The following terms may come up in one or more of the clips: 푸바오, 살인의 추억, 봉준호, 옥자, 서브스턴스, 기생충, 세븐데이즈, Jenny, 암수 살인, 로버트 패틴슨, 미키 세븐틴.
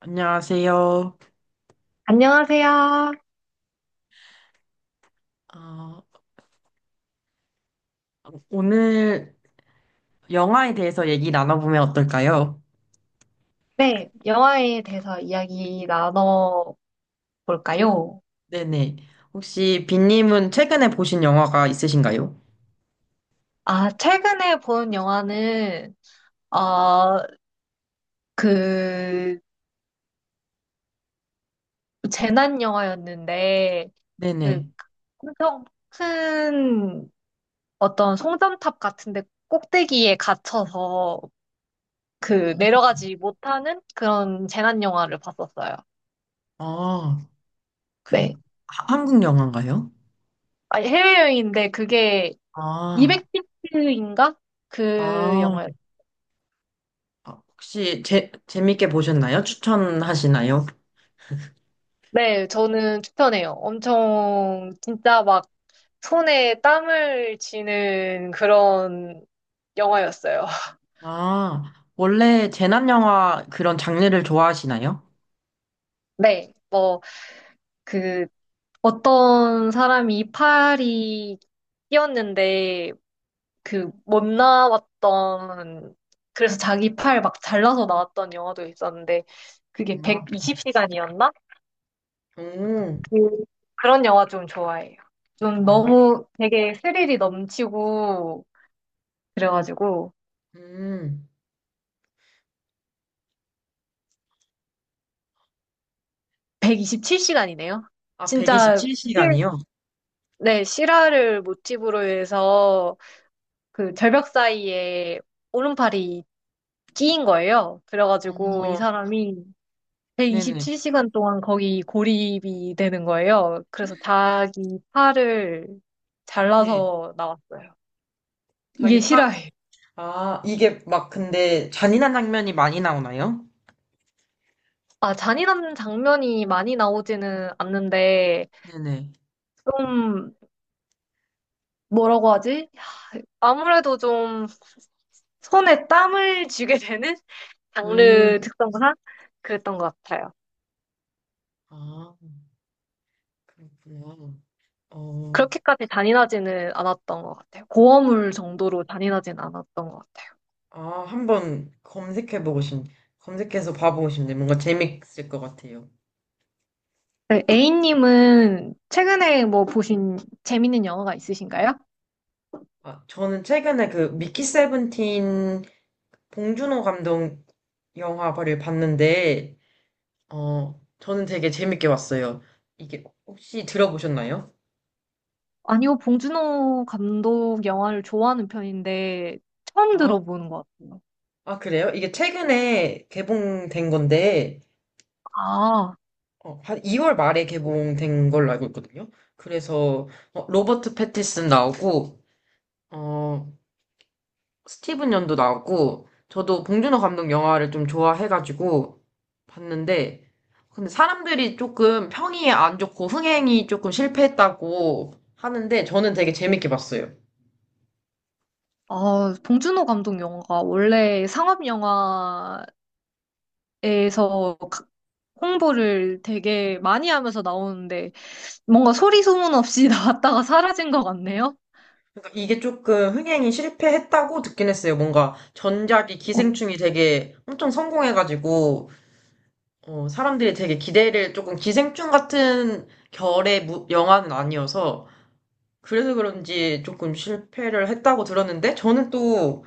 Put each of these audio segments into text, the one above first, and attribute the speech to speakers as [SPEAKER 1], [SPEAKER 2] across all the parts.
[SPEAKER 1] 안녕하세요.
[SPEAKER 2] 안녕하세요.
[SPEAKER 1] 어, 오늘 영화에 대해서 얘기 나눠보면 어떨까요?
[SPEAKER 2] 네, 영화에 대해서 이야기 나눠볼까요?
[SPEAKER 1] 네네. 혹시 빈님은 최근에 보신 영화가 있으신가요?
[SPEAKER 2] 아, 최근에 본 영화는, 어, 그, 재난 영화였는데, 그,
[SPEAKER 1] 네네.
[SPEAKER 2] 엄청 큰 어떤 송전탑 같은데 꼭대기에 갇혀서 그
[SPEAKER 1] 음.
[SPEAKER 2] 내려가지 못하는 그런 재난 영화를 봤었어요.
[SPEAKER 1] 아, 그,
[SPEAKER 2] 네.
[SPEAKER 1] 한국 영화인가요?
[SPEAKER 2] 아, 해외여행인데 그게 2 0
[SPEAKER 1] 아,
[SPEAKER 2] 0인가 그
[SPEAKER 1] 아,
[SPEAKER 2] 영화였죠?
[SPEAKER 1] 혹시 재밌게 보셨나요? 추천하시나요?
[SPEAKER 2] 네, 저는 추천해요. 엄청 진짜 막 손에 땀을 쥐는 그런 영화였어요.
[SPEAKER 1] 원래 재난 영화 그런 장르를 좋아하시나요?
[SPEAKER 2] 네, 뭐 그 어떤 사람이 이파리 끼었는데 그 못 나왔던 그래서 자기 팔 막 잘라서 나왔던 영화도 있었는데 그게
[SPEAKER 1] 아,
[SPEAKER 2] 120시간이었나?
[SPEAKER 1] 오,
[SPEAKER 2] 그 그런 영화 좀 좋아해요. 좀
[SPEAKER 1] 아,
[SPEAKER 2] 너무 되게 스릴이 넘치고 그래가지고
[SPEAKER 1] 음,
[SPEAKER 2] 127시간이네요.
[SPEAKER 1] 아,
[SPEAKER 2] 진짜 실-
[SPEAKER 1] 127시간이요?
[SPEAKER 2] 네, 실화를 모티브로 해서 그 절벽 사이에 오른팔이 끼인 거예요. 그래가지고 이 사람이
[SPEAKER 1] 네네.
[SPEAKER 2] 127시간 동안 거기 고립이 되는 거예요. 그래서 자기 팔을
[SPEAKER 1] 네.
[SPEAKER 2] 잘라서 나왔어요. 이게
[SPEAKER 1] 자기 팔.
[SPEAKER 2] 실화예요.
[SPEAKER 1] 이게 막 근데 잔인한 장면이 많이 나오나요?
[SPEAKER 2] 아, 잔인한 장면이 많이 나오지는 않는데
[SPEAKER 1] 네네.
[SPEAKER 2] 좀 뭐라고 하지? 아무래도 좀 손에 땀을 쥐게 되는?
[SPEAKER 1] 음.
[SPEAKER 2] 장르 특성상 그랬던 것 같아요.
[SPEAKER 1] 아, 그렇구나. 어,
[SPEAKER 2] 그렇게까지 잔인하지는 않았던 것 같아요. 고어물 정도로 잔인하지는 않았던 것 같아요.
[SPEAKER 1] 한번 검색해서 봐보고 싶네. 뭔가 재밌을 것 같아요.
[SPEAKER 2] 네, A님은 최근에 뭐 보신 재밌는 영화가 있으신가요?
[SPEAKER 1] 저는 최근에 그 미키 세븐틴 봉준호 감독 영화를 봤는데, 저는 되게 재밌게 봤어요. 이게 혹시 들어보셨나요?
[SPEAKER 2] 아니요, 봉준호 감독 영화를 좋아하는 편인데 처음
[SPEAKER 1] 아..
[SPEAKER 2] 들어보는 것 같아요.
[SPEAKER 1] 아, 그래요? 이게 최근에 개봉된 건데,
[SPEAKER 2] 아,
[SPEAKER 1] 한 2월 말에 개봉된 걸로 알고 있거든요. 그래서, 로버트 패틴슨 나오고, 어, 스티븐 연도 나오고, 저도 봉준호 감독 영화를 좀 좋아해가지고 봤는데, 근데 사람들이 조금 평이 안 좋고 흥행이 조금 실패했다고 하는데, 저는 되게 재밌게 봤어요.
[SPEAKER 2] 아, 봉준호 감독 영화가 원래 상업 영화에서 가- 홍보를 되게 많이 하면서 나오는데 뭔가 소리 소문 없이 나왔다가 사라진 것 같네요.
[SPEAKER 1] 그러니까 이게 조금 흥행이 실패했다고 듣긴 했어요. 뭔가 전작이
[SPEAKER 2] 어,
[SPEAKER 1] 기생충이 되게 엄청 성공해가지고, 사람들이 되게 기대를 조금 기생충 같은 결의 영화는 아니어서 그래서 그런지 조금 실패를 했다고 들었는데 저는 또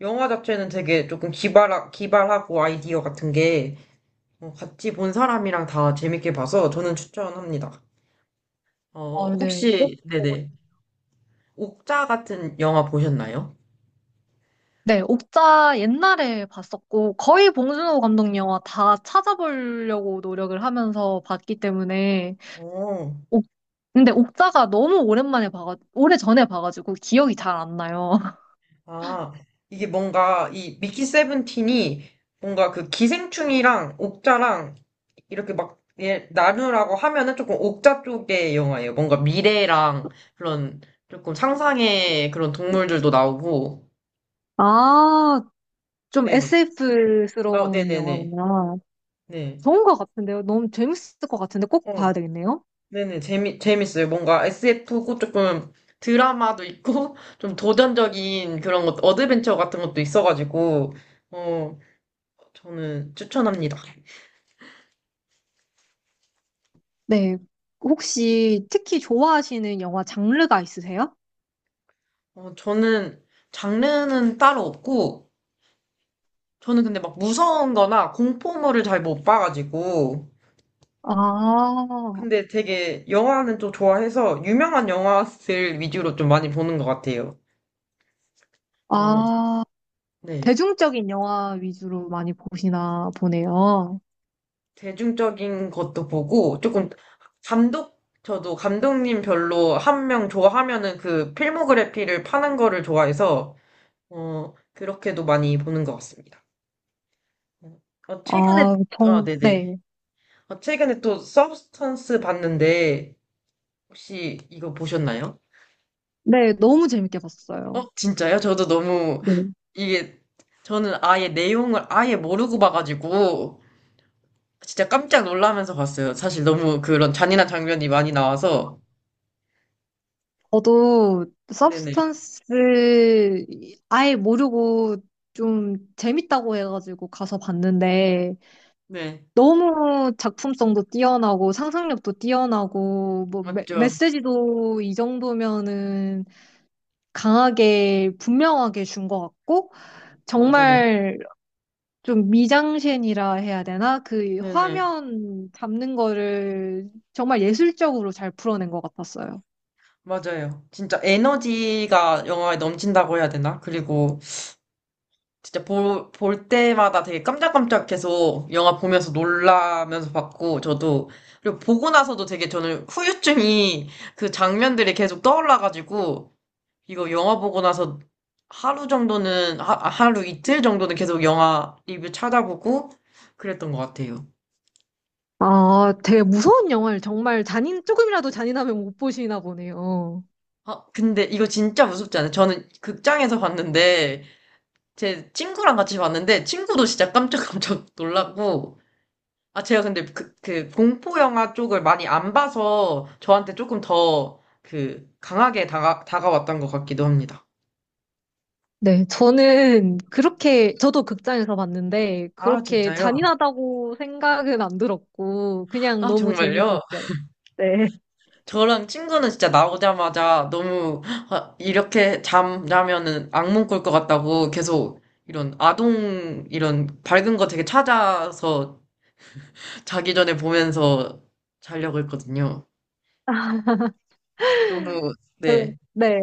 [SPEAKER 1] 영화 자체는 되게 조금 기발하고 아이디어 같은 게 같이 본 사람이랑 다 재밌게 봐서 저는 추천합니다.
[SPEAKER 2] 아, 네.
[SPEAKER 1] 혹시 네네 옥자 같은 영화 보셨나요?
[SPEAKER 2] 네, 옥자 옛날에 봤었고, 거의 봉준호 감독 영화 다 찾아보려고 노력을 하면서 봤기 때문에,
[SPEAKER 1] 어,
[SPEAKER 2] 옥- 근데 옥자가 너무 오래전에 봐가지고 기억이 잘 안 나요.
[SPEAKER 1] 아, 이게 뭔가 이 미키 세븐틴이 뭔가 그 기생충이랑 옥자랑 이렇게 막 예, 나누라고 하면은 조금 옥자 쪽의 영화예요. 뭔가 미래랑 그런 조금 상상의 그런 동물들도 나오고.
[SPEAKER 2] 아, 좀
[SPEAKER 1] 네네. 아,
[SPEAKER 2] SF스러운
[SPEAKER 1] 네네네.
[SPEAKER 2] 영화구나.
[SPEAKER 1] 네.
[SPEAKER 2] 좋은 것 같은데요. 너무 재밌을 것 같은데 꼭
[SPEAKER 1] 어,
[SPEAKER 2] 봐야 되겠네요.
[SPEAKER 1] 네네. 재밌어요. 뭔가 SF고 조금 드라마도 있고, 좀 도전적인 그런 것, 어드벤처 같은 것도 있어가지고, 어, 저는 추천합니다.
[SPEAKER 2] 네. 혹시 특히 좋아하시는 영화 장르가 있으세요?
[SPEAKER 1] 저는 장르는 따로 없고, 저는 근데 막 무서운 거나 공포물을 잘 못 봐가지고,
[SPEAKER 2] 아,
[SPEAKER 1] 근데 되게 영화는 좀 좋아해서 유명한 영화들 위주로 좀 많이 보는 것 같아요. 어,
[SPEAKER 2] 아,
[SPEAKER 1] 네.
[SPEAKER 2] 대중적인 영화 위주로 많이 보시나 보네요.
[SPEAKER 1] 대중적인 것도 보고 조금 감독, 저도 감독님 별로 한 명 좋아하면은 그 필모그래피를 파는 거를 좋아해서 그렇게도 많이 보는 것 같습니다. 어, 최근에,
[SPEAKER 2] 아,
[SPEAKER 1] 아,
[SPEAKER 2] 저,
[SPEAKER 1] 네네.
[SPEAKER 2] 네.
[SPEAKER 1] 최근에 또 서브스턴스 봤는데 혹시 이거 보셨나요?
[SPEAKER 2] 네, 너무 재밌게
[SPEAKER 1] 어,
[SPEAKER 2] 봤어요.
[SPEAKER 1] 진짜요? 저도 너무
[SPEAKER 2] 네.
[SPEAKER 1] 이게 저는 아예 내용을 아예 모르고 봐가지고 진짜 깜짝 놀라면서 봤어요. 사실 너무 그런 잔인한 장면이 많이 나와서.
[SPEAKER 2] 저도
[SPEAKER 1] 네네.
[SPEAKER 2] 서브스턴스 아예 모르고 좀 재밌다고 해가지고 가서 봤는데
[SPEAKER 1] 네.
[SPEAKER 2] 너무 작품성도 뛰어나고 상상력도 뛰어나고 뭐
[SPEAKER 1] 맞죠.
[SPEAKER 2] 메시지도 이 정도면은 강하게 분명하게 준 것 같고
[SPEAKER 1] 맞아요.
[SPEAKER 2] 정말 좀 미장센이라 해야 되나? 그
[SPEAKER 1] 네네.
[SPEAKER 2] 화면 잡는 거를 정말 예술적으로 잘 풀어낸 것 같았어요.
[SPEAKER 1] 맞아요. 진짜 에너지가 영화에 넘친다고 해야 되나? 그리고 진짜 볼 때마다 되게 깜짝깜짝 계속 영화 보면서 놀라면서 봤고, 저도. 그리고 보고 나서도 되게 저는 후유증이 그 장면들이 계속 떠올라가지고, 이거 영화 보고 나서 하루 이틀 정도는 계속 영화 리뷰 찾아보고 그랬던 것 같아요.
[SPEAKER 2] 아, 되게 무서운 영화를 정말 조금이라도 잔인하면 못 보시나 보네요.
[SPEAKER 1] 근데 이거 진짜 무섭지 않아요? 저는 극장에서 봤는데, 제 친구랑 같이 봤는데, 친구도 진짜 깜짝깜짝 놀랐고, 제가 근데 그 공포 영화 쪽을 많이 안 봐서 저한테 조금 더 그 강하게 다가왔던 것 같기도 합니다.
[SPEAKER 2] 네, 저는 저도 극장에서 봤는데,
[SPEAKER 1] 아,
[SPEAKER 2] 그렇게
[SPEAKER 1] 진짜요?
[SPEAKER 2] 잔인하다고 생각은 안 들었고, 그냥
[SPEAKER 1] 아,
[SPEAKER 2] 너무
[SPEAKER 1] 정말요?
[SPEAKER 2] 재밌었어요. 네.
[SPEAKER 1] 저랑 친구는 진짜 나오자마자 너무 아, 이렇게 잠자면은 악몽 꿀 것 같다고 계속 이런 아동 이런 밝은 거 되게 찾아서 자기 전에 보면서 자려고 했거든요. 너무 네.
[SPEAKER 2] 네,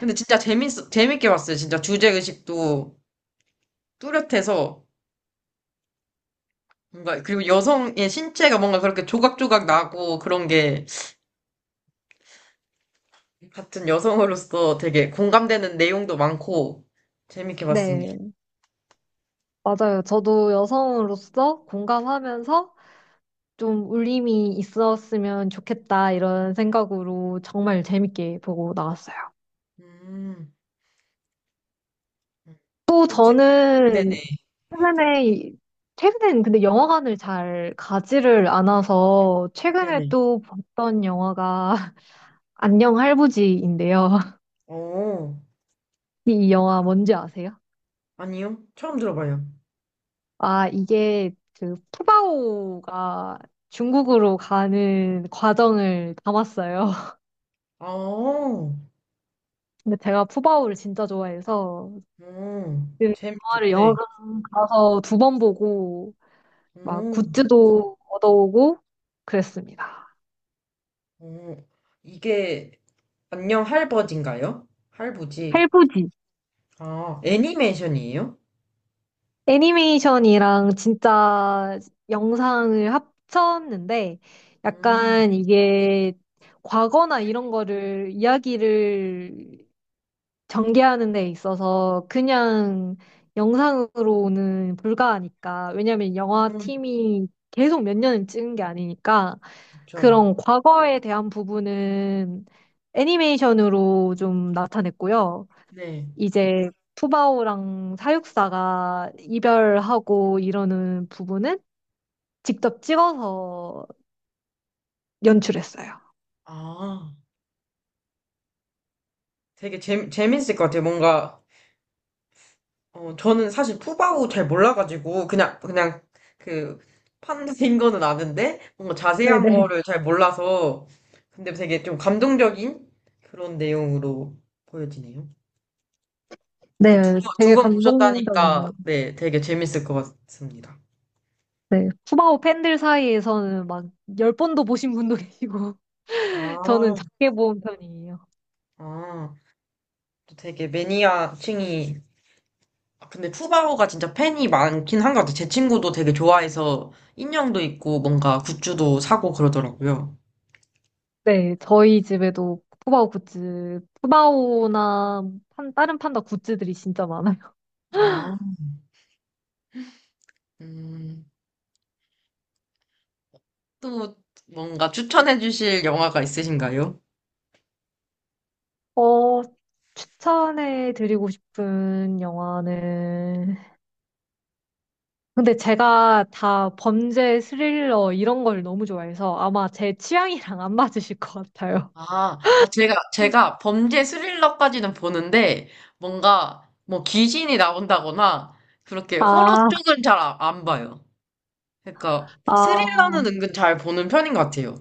[SPEAKER 1] 근데 진짜 재밌게 봤어요. 진짜 주제 의식도 뚜렷해서 뭔가 그리고 여성의 신체가 뭔가 그렇게 조각조각 나고 그런 게 같은 여성으로서 되게 공감되는 내용도 많고 재밌게 봤습니다.
[SPEAKER 2] 네, 맞아요. 저도 여성으로서 공감하면서 좀 울림이 있었으면 좋겠다 이런 생각으로 정말 재밌게 보고 나왔어요.
[SPEAKER 1] 음. 음.
[SPEAKER 2] 또
[SPEAKER 1] 그 책, 네네,
[SPEAKER 2] 저는 최근에 최근엔 근데 영화관을 잘 가지를 않아서 최근에
[SPEAKER 1] 네네.
[SPEAKER 2] 또 봤던 영화가 안녕 할부지인데요.
[SPEAKER 1] 어,
[SPEAKER 2] 이 영화 뭔지 아세요?
[SPEAKER 1] 아니요. 처음 들어봐요.
[SPEAKER 2] 아, 이게 그 푸바오가 중국으로 가는 과정을 담았어요.
[SPEAKER 1] 아, 어,
[SPEAKER 2] 근데 제가 푸바오를 진짜 좋아해서 그
[SPEAKER 1] 재밌,
[SPEAKER 2] 영화를
[SPEAKER 1] 네.
[SPEAKER 2] 영화관 가서 두 번 보고 막
[SPEAKER 1] 어,
[SPEAKER 2] 굿즈도 얻어오고 그랬습니다.
[SPEAKER 1] 어, 이게, 안녕 할버지인가요? 할부지.
[SPEAKER 2] 할부지.
[SPEAKER 1] 아, 애니메이션이에요?
[SPEAKER 2] 애니메이션이랑 진짜 영상을 합쳤는데
[SPEAKER 1] 음,
[SPEAKER 2] 약간 이게 과거나 이런 거를 이야기를 전개하는 데 있어서 그냥 영상으로는 불가하니까 왜냐면 영화
[SPEAKER 1] 음,
[SPEAKER 2] 팀이 계속 몇 년을 찍은 게 아니니까
[SPEAKER 1] 그쵸.
[SPEAKER 2] 그런 과거에 대한 부분은 애니메이션으로 좀 나타냈고요.
[SPEAKER 1] 네.
[SPEAKER 2] 이제 푸바오랑 사육사가 이별하고 이러는 부분은 직접 찍어서 연출했어요.
[SPEAKER 1] 아, 되게 재밌을 것 같아요. 뭔가 저는 사실 푸바오 잘 몰라가지고, 그냥, 그, 판인 거는 아는데, 뭔가 자세한
[SPEAKER 2] 네네.
[SPEAKER 1] 거를 잘 몰라서, 근데 되게 좀 감동적인 그런 내용으로 보여지네요. 또
[SPEAKER 2] 네,
[SPEAKER 1] 두
[SPEAKER 2] 되게
[SPEAKER 1] 번 보셨다니까,
[SPEAKER 2] 감동적이네요.
[SPEAKER 1] 네, 되게 재밌을 것 같습니다.
[SPEAKER 2] 네, 푸바오 팬들 사이에서는 막 10번도 보신 분도 계시고, 저는
[SPEAKER 1] 아,
[SPEAKER 2] 작게 본 편이에요.
[SPEAKER 1] 아, 또 되게 매니아층이, 아, 근데 푸바오가 진짜 팬이 많긴 한 것 같아요. 제 친구도 되게 좋아해서 인형도 있고, 뭔가 굿즈도 사고 그러더라고요.
[SPEAKER 2] 네, 저희 집에도 푸바오 굿즈, 푸바오나 다른 판다 굿즈들이 진짜 많아요.
[SPEAKER 1] 아, 음. 또 뭔가 추천해 주실 영화가 있으신가요?
[SPEAKER 2] 어, 추천해 드리고 싶은 영화는. 근데 제가 다 범죄 스릴러 이런 걸 너무 좋아해서 아마 제 취향이랑 안 맞으실 것 같아요.
[SPEAKER 1] 아, 아, 제가 범죄 스릴러까지는 보는데, 귀신이 나온다거나, 그렇게 호러
[SPEAKER 2] 아,
[SPEAKER 1] 쪽은 잘 안 봐요. 그러니까,
[SPEAKER 2] 아,
[SPEAKER 1] 스릴러는 은근 잘 보는 편인 것 같아요.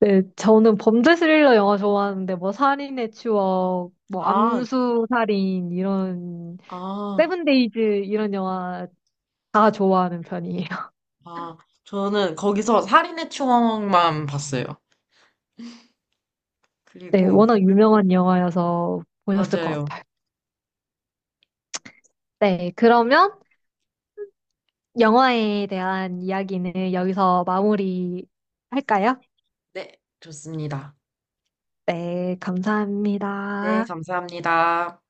[SPEAKER 2] 네, 저는 범죄 스릴러 영화 좋아하는데 뭐 살인의 추억, 뭐
[SPEAKER 1] 아,
[SPEAKER 2] 암수 살인 이런
[SPEAKER 1] 아,
[SPEAKER 2] 세븐데이즈 이런 영화 다 좋아하는 편이에요.
[SPEAKER 1] 아. 저는 거기서 살인의 추억만 봤어요.
[SPEAKER 2] 네,
[SPEAKER 1] 그리고,
[SPEAKER 2] 워낙 유명한 영화여서 보셨을 것
[SPEAKER 1] 맞아요.
[SPEAKER 2] 같아요. 네, 그러면 영화에 대한 이야기는 여기서 마무리 할까요?
[SPEAKER 1] 네, 좋습니다.
[SPEAKER 2] 네,
[SPEAKER 1] 네,
[SPEAKER 2] 감사합니다.
[SPEAKER 1] 감사합니다.